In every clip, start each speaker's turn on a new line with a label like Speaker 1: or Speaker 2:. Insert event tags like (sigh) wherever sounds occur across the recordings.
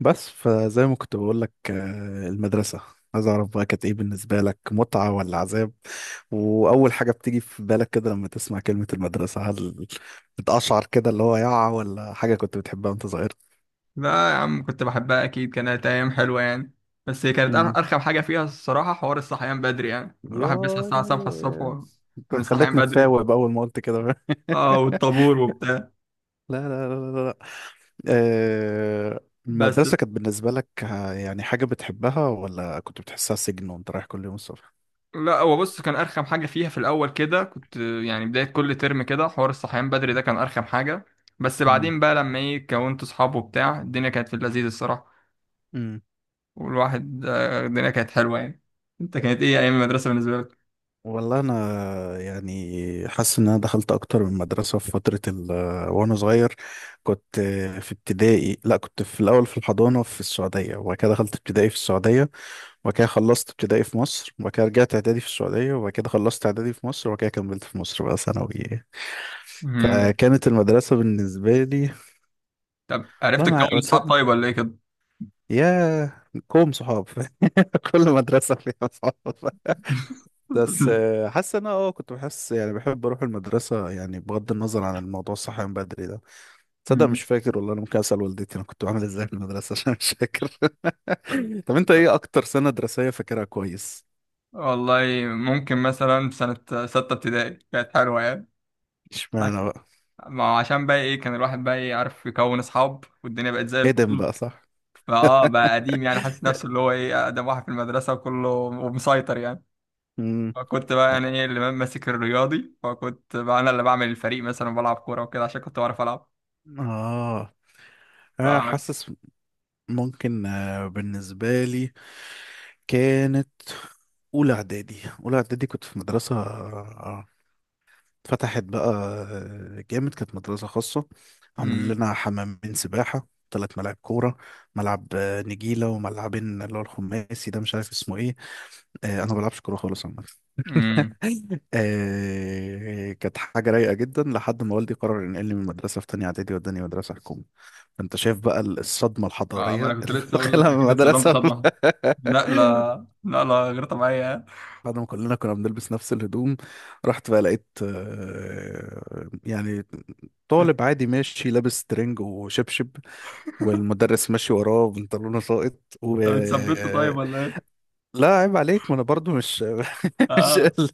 Speaker 1: بس فزي ما كنت بقول لك المدرسة. عايز أعرف بقى كانت إيه بالنسبة لك، متعة ولا عذاب؟ وأول حاجة بتيجي في بالك كده لما تسمع كلمة المدرسة، هل بتقشعر كده اللي هو يعة ولا حاجة كنت بتحبها وأنت صغير؟
Speaker 2: لا يا عم، كنت بحبها، اكيد كانت ايام حلوه يعني. بس هي كانت
Speaker 1: امم
Speaker 2: ارخم حاجه فيها الصراحه، حوار الصحيان بدري، يعني
Speaker 1: يا،
Speaker 2: الواحد بيصحى الساعه 7 الصبح.
Speaker 1: انت
Speaker 2: من الصحيان
Speaker 1: خليتنا
Speaker 2: بدري.
Speaker 1: نتساوب أول ما قلت كده. (laughs) لا
Speaker 2: اه، والطابور وبتاع.
Speaker 1: لا آه،
Speaker 2: بس
Speaker 1: المدرسة كانت بالنسبة لك، يعني حاجة بتحبها ولا كنت بتحسها سجن وأنت رايح كل يوم الصبح؟
Speaker 2: لا، هو بص، كان ارخم حاجه فيها في الاول كده، كنت يعني بدايه كل ترم كده حوار الصحيان بدري ده كان ارخم حاجه. بس بعدين بقى لما ايه كونت اصحابه وبتاع، الدنيا كانت في اللذيذ الصراحه.
Speaker 1: امم
Speaker 2: والواحد، الدنيا كانت حلوه يعني. انت كانت ايه ايام المدرسه بالنسبه لك؟
Speaker 1: والله انا يعني حاسس ان انا دخلت اكتر من مدرسه في فتره ال آه، وانا صغير. كنت في ابتدائي، لا كنت في الاول في الحضانه في السعوديه، وبعد كده دخلت ابتدائي في السعوديه، وبعد كده خلصت ابتدائي في مصر، وبعد كده رجعت اعدادي في السعوديه، وبعد كده خلصت اعدادي في مصر، وبعد كده كملت في مصر بقى ثانوي.
Speaker 2: (laughs) مم.
Speaker 1: فكانت المدرسه بالنسبه لي،
Speaker 2: طب عرفت
Speaker 1: والله
Speaker 2: تكون
Speaker 1: ما
Speaker 2: اصحاب
Speaker 1: تصدق،
Speaker 2: طيب ولا ايه كده؟
Speaker 1: يا كوم صحاب. (laughs) كل مدرسه فيها صحاب.
Speaker 2: (laughs)
Speaker 1: بس حاسس ان انا كنت بحس يعني بحب اروح المدرسه، يعني بغض النظر عن الموضوع الصحي من بدري ده. تصدق مش
Speaker 2: مم.
Speaker 1: فاكر والله، انا ممكن اسال والدتي انا كنت بعمل ازاي في المدرسه (laughs) عشان مش فاكر. (laughs) طب انت ايه اكتر سنه دراسيه فاكرها كويس؟
Speaker 2: والله ممكن مثلا في سنة ستة ابتدائي كانت حلوة يعني. عش-
Speaker 1: اشمعنى بقى؟
Speaker 2: ما هو عشان بقى ايه كان الواحد بقى ايه عارف يكون اصحاب، والدنيا بقت زي
Speaker 1: ادم
Speaker 2: الفل.
Speaker 1: بقى، صح.
Speaker 2: فاه بقى
Speaker 1: (laughs)
Speaker 2: قديم، يعني حاسس نفسه اللي هو ايه اقدم واحد في المدرسة وكله ومسيطر يعني.
Speaker 1: امم
Speaker 2: فكنت بقى
Speaker 1: لا.
Speaker 2: يعني ايه اللي ماسك الرياضي، فكنت بقى انا اللي بعمل الفريق مثلا وبلعب كورة وكده عشان كنت بعرف العب.
Speaker 1: اه
Speaker 2: ف
Speaker 1: حاسس ممكن، بالنسبه لي كانت اولى اعدادي. اولى اعدادي كنت في مدرسه فتحت بقى جامد، كانت مدرسة خاصة، عاملين
Speaker 2: امم
Speaker 1: لنا حمامين سباحة، ثلاث ملاعب كورة، ملعب نجيلة، وملعبين اللي هو الخماسي ده مش عارف اسمه ايه. انا ما بلعبش كورة خالص عامة.
Speaker 2: امم
Speaker 1: (laughs) كانت حاجة رايقة جدا لحد ما والدي قرر ينقلني من مدرسة في تانية إعدادي وداني مدرسة حكومي. فأنت شايف بقى الصدمة
Speaker 2: اه. ما
Speaker 1: الحضارية
Speaker 2: انا كنت
Speaker 1: اللي (laughs)
Speaker 2: لسه اقول لك
Speaker 1: دخلها من
Speaker 2: اكيد اتصدمت
Speaker 1: المدرسة.
Speaker 2: صدمة.
Speaker 1: (laughs)
Speaker 2: لا لا لا لا، غير طبيعية.
Speaker 1: بعد ما كلنا كنا بنلبس نفس الهدوم، رحت بقى لقيت يعني طالب عادي ماشي لابس ترنج وشبشب، والمدرس ماشي وراه بنطلونه ساقط و…
Speaker 2: طب اتثبت طيب ولا ايه؟
Speaker 1: لا عيب عليك، ما انا برضو مش (laughs) مش
Speaker 2: اه.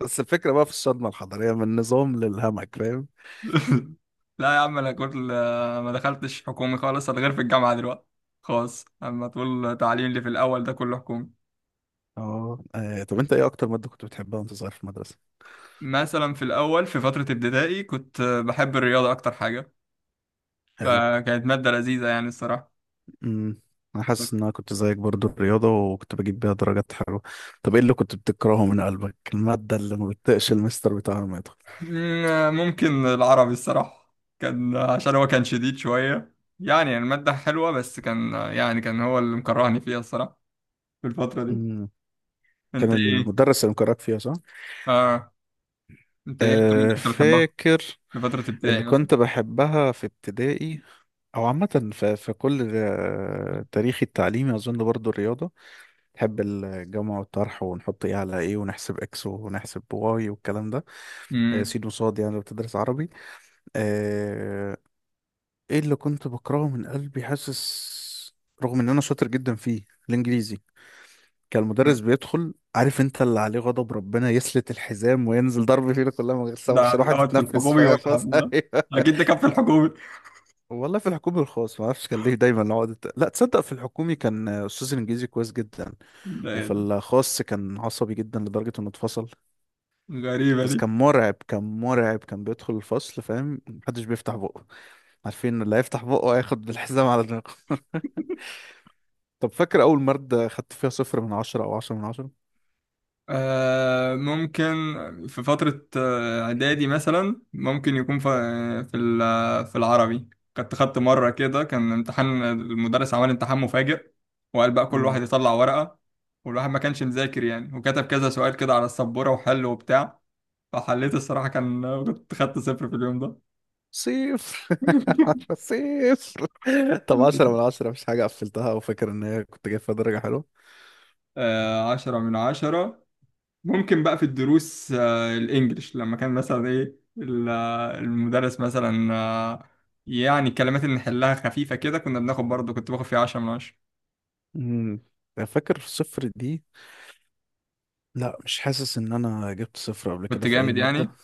Speaker 1: بس الفكرة بقى في الصدمة الحضارية من النظام للهمك، فاهم.
Speaker 2: (laughs) لا يا عم، انا كنت ما دخلتش حكومي خالص، انا غير في الجامعه دلوقتي خاص. اما تقول تعليم اللي في الاول ده كله حكومي.
Speaker 1: طب انت ايه اكتر مادة كنت بتحبها وانت صغير في المدرسة؟
Speaker 2: مثلا في الاول في فتره ابتدائي كنت بحب الرياضه اكتر حاجه.
Speaker 1: حلو.
Speaker 2: فكانت ماده لذيذه يعني الصراحه.
Speaker 1: امم انا حاسس ان انا كنت زيك برضو الرياضة، وكنت بجيب بيها درجات حلوة. طب ايه اللي كنت بتكرهه من قلبك، المادة اللي ما بتطيقش المستر بتاعها لما يدخل؟
Speaker 2: مم، ممكن العربي الصراحه كان عشان هو كان شديد شويه، يعني الماده حلوه بس كان هو اللي مكرهني فيها الصراحه في الفتره دي.
Speaker 1: امم كان
Speaker 2: انت ايه
Speaker 1: المدرس اللي مكرهك فيها، صح؟
Speaker 2: اه انت ايه اكتر ماده
Speaker 1: أه
Speaker 2: كنت بتحبها
Speaker 1: فاكر.
Speaker 2: في فترة
Speaker 1: اللي
Speaker 2: ابتدائي مثلا؟
Speaker 1: كنت بحبها في ابتدائي او عامه في في كل تاريخي التعليمي اظن برضو الرياضه. بحب الجمع والطرح ونحط ايه على ايه ونحسب اكس ونحسب واي والكلام ده،
Speaker 2: امم.
Speaker 1: سين وصاد يعني لو بتدرس عربي. آه، ايه اللي كنت بكرهه من قلبي، حاسس رغم ان انا شاطر جدا فيه، الانجليزي. كان المدرس بيدخل عارف انت اللي عليه غضب ربنا، يسلت الحزام وينزل ضرب فينا كلها من غير سبب
Speaker 2: ده
Speaker 1: عشان
Speaker 2: ده
Speaker 1: الواحد
Speaker 2: دوت في
Speaker 1: يتنفس،
Speaker 2: الحكومي ولا
Speaker 1: فاهم.
Speaker 2: قبل ده؟ أكيد
Speaker 1: (laughs)
Speaker 2: ده كان في الحكومي.
Speaker 1: والله في الحكومي والخاص ما اعرفش كان ليه دايما العقد لا تصدق، في الحكومي كان استاذ الانجليزي كويس جدا،
Speaker 2: ده إيه
Speaker 1: وفي
Speaker 2: ده؟
Speaker 1: الخاص كان عصبي جدا لدرجة انه اتفصل.
Speaker 2: غريبة
Speaker 1: بس
Speaker 2: دي.
Speaker 1: كان مرعب، كان مرعب. كان بيدخل الفصل فاهم محدش بيفتح بقه، عارفين إن اللي هيفتح بقه هياخد بالحزام على دماغه. (laughs) طب فاكر اول مادة خدت فيها صفر من عشرة او عشرة من عشرة؟
Speaker 2: ممكن في فترة إعدادي مثلا، ممكن يكون في العربي. كنت خدت مرة كده، كان امتحان، المدرس عمل امتحان مفاجئ وقال بقى كل
Speaker 1: امم
Speaker 2: واحد يطلع ورقة. والواحد ما كانش مذاكر يعني، وكتب كذا سؤال كده على السبورة وحل وبتاع. فحليت الصراحة، كنت خدت صفر في اليوم ده.
Speaker 1: صفر. (laughs) صفر. طب عشرة من
Speaker 2: (laughs)
Speaker 1: عشرة مش حاجة قفلتها وفاكر ان هي كنت جايب فيها درجة حلوة؟
Speaker 2: آه، 10 من 10. ممكن بقى في الدروس الإنجليش، لما كان مثلا إيه ال- آه، المدرس مثلا يعني الكلمات اللي نحلها خفيفة كده، كنا بناخد برضه، كنت باخد فيها 10 من 10.
Speaker 1: امم فاكر صفر دي؟ لا مش حاسس ان انا جبت صفر قبل
Speaker 2: كنت
Speaker 1: كده في اي
Speaker 2: جامد
Speaker 1: ماده.
Speaker 2: يعني.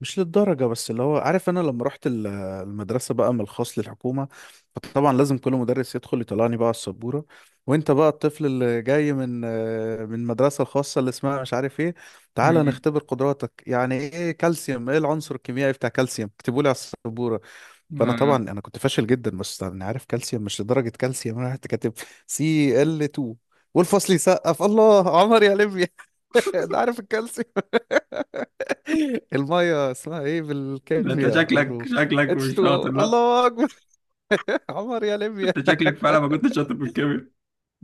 Speaker 1: مش للدرجه، بس اللي هو عارف انا لما رحت المدرسه بقى من الخاص للحكومه، فطبعا لازم كل مدرس يدخل يطلعني بقى على السبوره. وانت بقى الطفل اللي جاي من من المدرسه الخاصه اللي اسمها مش عارف ايه، تعالى
Speaker 2: مم.
Speaker 1: نختبر قدراتك. يعني ايه كالسيوم، ايه العنصر الكيميائي بتاع كالسيوم، اكتبوا لي على السبوره. فانا طبعا
Speaker 2: آه.
Speaker 1: انا كنت فاشل جدا، بس انا عارف كالسيوم، مش لدرجه كالسيوم. انا رحت كاتب سي ال 2، والفصل يسقف الله، عمر يا ليبيا. (laughs) ده عارف الكالسيوم. (laughs) الميه اسمها ايه
Speaker 2: لا، أنت
Speaker 1: بالكيمياء، اقول
Speaker 2: شكلك
Speaker 1: له
Speaker 2: شكلك
Speaker 1: اتش
Speaker 2: مش
Speaker 1: 2.
Speaker 2: شاطر. لا،
Speaker 1: الله اكبر. (laughs) عمر يا ليبيا.
Speaker 2: أنت شكلك فعلا ما كنتش شاطر في الكيمياء.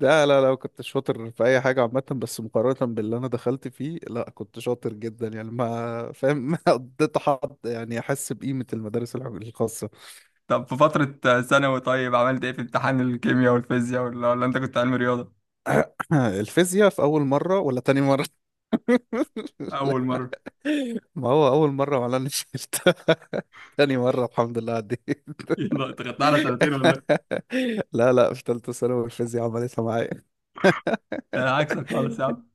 Speaker 1: لا كنت شاطر في اي حاجه عامه، بس مقارنه باللي انا دخلت فيه لا كنت شاطر جدا يعني، ما فاهم (laughs) ما قضيت حد يعني احس بقيمه المدارس الخاصه.
Speaker 2: طب في فترة ثانوي، طيب عملت إيه في امتحان الكيمياء والفيزياء، ولا أنت كنت علم رياضة؟
Speaker 1: (clears throat) (laughs) الفيزياء في اول مره ولا تاني مره؟ (laughs)
Speaker 2: أول مرة؟
Speaker 1: ما هو أول مرة ما أنا شلتها. (laughs) تاني مرة الحمد لله عديت.
Speaker 2: (laughs) يلا، أنت خدتها على سنتين ولا إيه؟
Speaker 1: (laughs) لا في تالتة ثانوي الفيزياء عملتها معايا.
Speaker 2: ده أنا عكسك خالص يا
Speaker 1: (laughs)
Speaker 2: عم.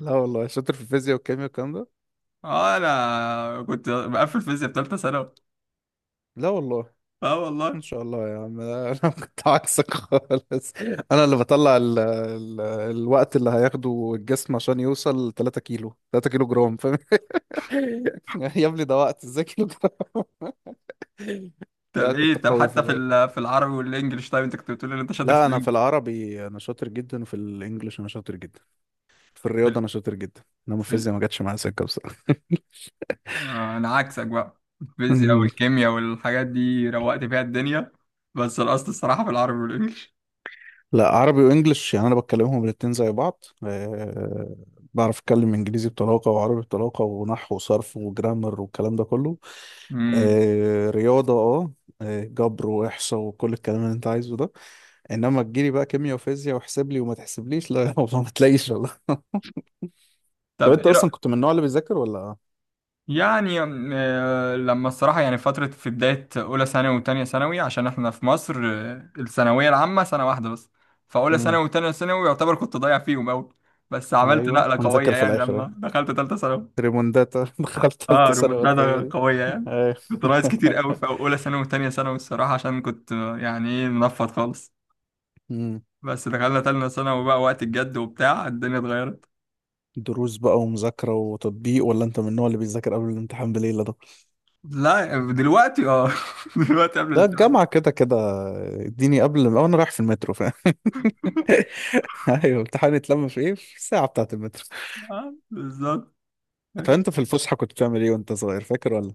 Speaker 1: لا والله شاطر في الفيزياء والكيمياء والكلام ده.
Speaker 2: اه، انا كنت بقفل فيزياء في ثالثه ثانوي.
Speaker 1: لا والله.
Speaker 2: اه والله.
Speaker 1: ان شاء الله يا عم. (laughs) لا، انا كنت عكسك خالص. انا اللي بطلع ال الوقت اللي هياخده الجسم عشان يوصل 3 كيلو، 3 كيلو جرام، فاهم. (laughs) يا ابني ده وقت ازاي كيلو جرام. (laughs) لا
Speaker 2: طب ايه
Speaker 1: كنت
Speaker 2: طب
Speaker 1: قوي
Speaker 2: حتى
Speaker 1: في…
Speaker 2: في العربي والانجليش، طيب انت كنت بتقول ان انت شاطر في
Speaker 1: لا انا في
Speaker 2: الانجليش.
Speaker 1: العربي انا شاطر جدا، وفي الانجليش انا شاطر جدا، في
Speaker 2: في
Speaker 1: الرياضه
Speaker 2: ال...
Speaker 1: انا شاطر جدا، انما
Speaker 2: في ال...
Speaker 1: الفيزياء ما جاتش معايا سكه بصراحه.
Speaker 2: آه انا عكسك بقى، الفيزياء
Speaker 1: (laughs)
Speaker 2: والكيمياء والحاجات دي روقت فيها الدنيا. بس القصد الصراحه في العربي والانجليش.
Speaker 1: لا عربي وانجليش يعني انا بتكلمهم الاتنين زي بعض، أه. بعرف اتكلم انجليزي بطلاقه وعربي بطلاقه ونحو وصرف وجرامر والكلام ده كله.
Speaker 2: امم
Speaker 1: أه رياضه، جبر واحصاء وكل الكلام اللي انت عايزه ده. انما تجيلي بقى كيمياء وفيزياء واحسب لي وما تحسبليش، لا (laughs) والله ما تلاقيش والله. طب
Speaker 2: طب
Speaker 1: انت
Speaker 2: ايه؟
Speaker 1: اصلا كنت من النوع اللي بيذاكر ولا؟
Speaker 2: يعني لما الصراحة يعني فترة في بداية أولى ثانوي وتانية ثانوي، عشان إحنا في مصر الثانوية العامة سنة واحدة بس. فأولى
Speaker 1: امم
Speaker 2: ثانوي وتانية ثانوي يعتبر كنت ضايع فيهم أوي. بس عملت
Speaker 1: ايوه
Speaker 2: نقلة قوية
Speaker 1: هنذاكر في
Speaker 2: يعني
Speaker 1: الاخر،
Speaker 2: لما دخلت تالتة ثانوي.
Speaker 1: ريمونداتا. (laughs) دخلت
Speaker 2: اه،
Speaker 1: ثالثة ثانوي قلت هي
Speaker 2: ريمونتادا
Speaker 1: دي.
Speaker 2: قوية يعني.
Speaker 1: أيوة.
Speaker 2: كنت ناقص
Speaker 1: (laughs)
Speaker 2: كتير أوي في أولى ثانوي وتانية ثانوي الصراحة، عشان كنت يعني إيه منفض خالص.
Speaker 1: مم.
Speaker 2: بس دخلنا تالتة ثانوي بقى وقت الجد وبتاع، الدنيا اتغيرت.
Speaker 1: دروس بقى ومذاكرة وتطبيق ولا انت من النوع اللي بيذاكر قبل الامتحان بليلة ده؟
Speaker 2: لا دلوقتي اه. (laughs) دلوقتي قبل
Speaker 1: ده
Speaker 2: الامتحان.
Speaker 1: الجامعة كده كده، اديني قبل ما انا رايح في المترو فاهم. (laughs) ايوه امتحان اتلم في ايه، في الساعة بتاعة المترو.
Speaker 2: بالظبط.
Speaker 1: طب انت في الفسحة كنت بتعمل ايه وانت صغير فاكر ولا؟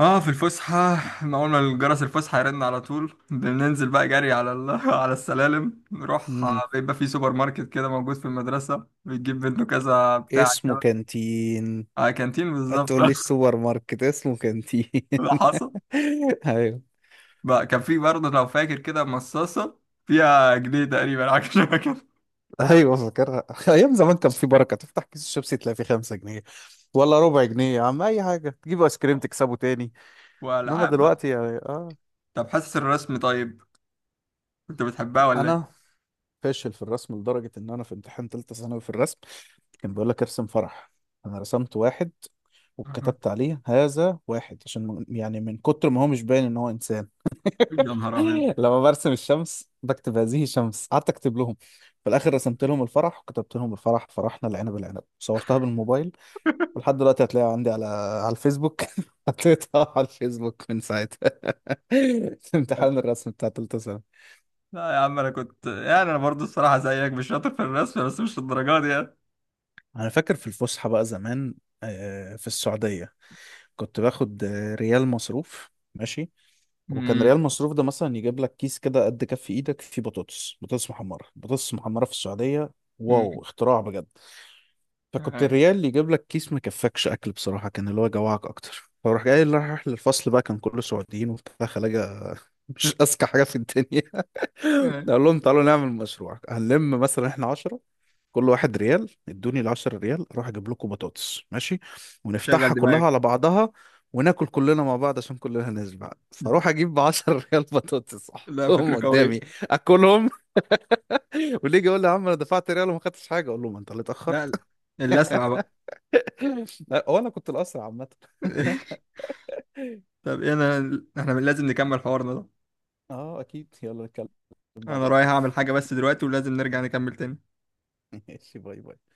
Speaker 2: اه، في الفسحة. ما اول ما الجرس الفسحة يرن على طول بننزل بقى جري (laughs) على السلالم، نروح
Speaker 1: مم.
Speaker 2: بيبقى في سوبر ماركت كده موجود في المدرسة، بتجيب منه كذا بتاع
Speaker 1: اسمه
Speaker 2: كده.
Speaker 1: كانتين.
Speaker 2: آه، كانتين بالظبط.
Speaker 1: هتقول لي السوبر ماركت اسمه كانتين.
Speaker 2: (laughs) ده حصل
Speaker 1: (laughs) ايوه.
Speaker 2: بقى. كان في برضه لو فاكر كده مصاصة فيها جنيه تقريبا، حاجة شبه كده.
Speaker 1: ايوه فاكرها. (laughs) ايام زمان كان في بركه، تفتح كيس الشيبسي تلاقي فيه 5 جنيه ولا ربع جنيه، يا عم اي حاجه تجيب ايس كريم تكسبه تاني. انما
Speaker 2: والعاب بقى.
Speaker 1: دلوقتي يعني اه.
Speaker 2: طب حاسس الرسم، طيب كنت بتحبها ولا
Speaker 1: انا
Speaker 2: ايه؟
Speaker 1: فاشل في الرسم لدرجه ان انا في امتحان ثالثه ثانوي في الرسم كان بيقول لك ارسم فرح، انا رسمت واحد وكتبت
Speaker 2: (laughs)
Speaker 1: عليه هذا واحد عشان يعني من كتر ما هو مش باين ان هو انسان.
Speaker 2: يا نهار ابيض.
Speaker 1: (laughs) لما برسم الشمس بكتب هذه شمس، قعدت اكتب لهم. في الاخر رسمت لهم الفرح وكتبت لهم الفرح، فرحنا العنب العنب، صورتها بالموبايل ولحد دلوقتي هتلاقيه عندي على على الفيسبوك. (laughs) حطيتها على الفيسبوك من ساعتها. (laughs) امتحان الرسم بتاع تالتة سنة.
Speaker 2: لا يا عم انا كنت يعني انا برضه الصراحة زيك مش شاطر في الرسم، بس مش الدرجات دي يعني.
Speaker 1: انا فاكر في الفسحه بقى زمان في السعوديه كنت باخد ريال مصروف ماشي. وكان ريال مصروف ده مثلا يجيب لك كيس كده قد كف ايدك فيه بطاطس، بطاطس محمرة، بطاطس محمرة في السعودية، واو
Speaker 2: مم.
Speaker 1: اختراع بجد. فكنت
Speaker 2: آه.
Speaker 1: الريال يجيب لك كيس ما كفكش اكل بصراحة، كان اللي هو جوعك اكتر. فروح جاي اللي رايح للفصل بقى كان كله سعوديين وبتاع خلاجة، مش اذكى حاجة في الدنيا.
Speaker 2: آه.
Speaker 1: اقول لهم تعالوا نعمل مشروع، هنلم مثلا احنا 10، كل واحد ريال ادوني ال 10 ريال اروح اجيب لكم بطاطس ماشي،
Speaker 2: شغل
Speaker 1: ونفتحها كلها
Speaker 2: دماغك.
Speaker 1: على بعضها وناكل كلنا مع بعض عشان كلنا نشبع. فاروح اجيب ب 10 ريال بطاطس (laughs)
Speaker 2: لا،
Speaker 1: احطهم
Speaker 2: فكرة
Speaker 1: قدامي
Speaker 2: قوية.
Speaker 1: اكلهم. (laughs) واللي يجي يقول لي يا عم انا دفعت ريال وما خدتش حاجه، اقول له ما انت اللي
Speaker 2: لا
Speaker 1: اتاخرت.
Speaker 2: لا. اللي أسرع بقى.
Speaker 1: (laughs) لا، هو انا كنت الاسرع عامه.
Speaker 2: (laughs) طب إيه، إحنا لازم نكمل حوارنا ده.
Speaker 1: اه اكيد يلا نتكلم
Speaker 2: أنا
Speaker 1: بعدين.
Speaker 2: رايح أعمل حاجة بس دلوقتي، ولازم نرجع نكمل تاني.
Speaker 1: (laughs) ماشي باي باي.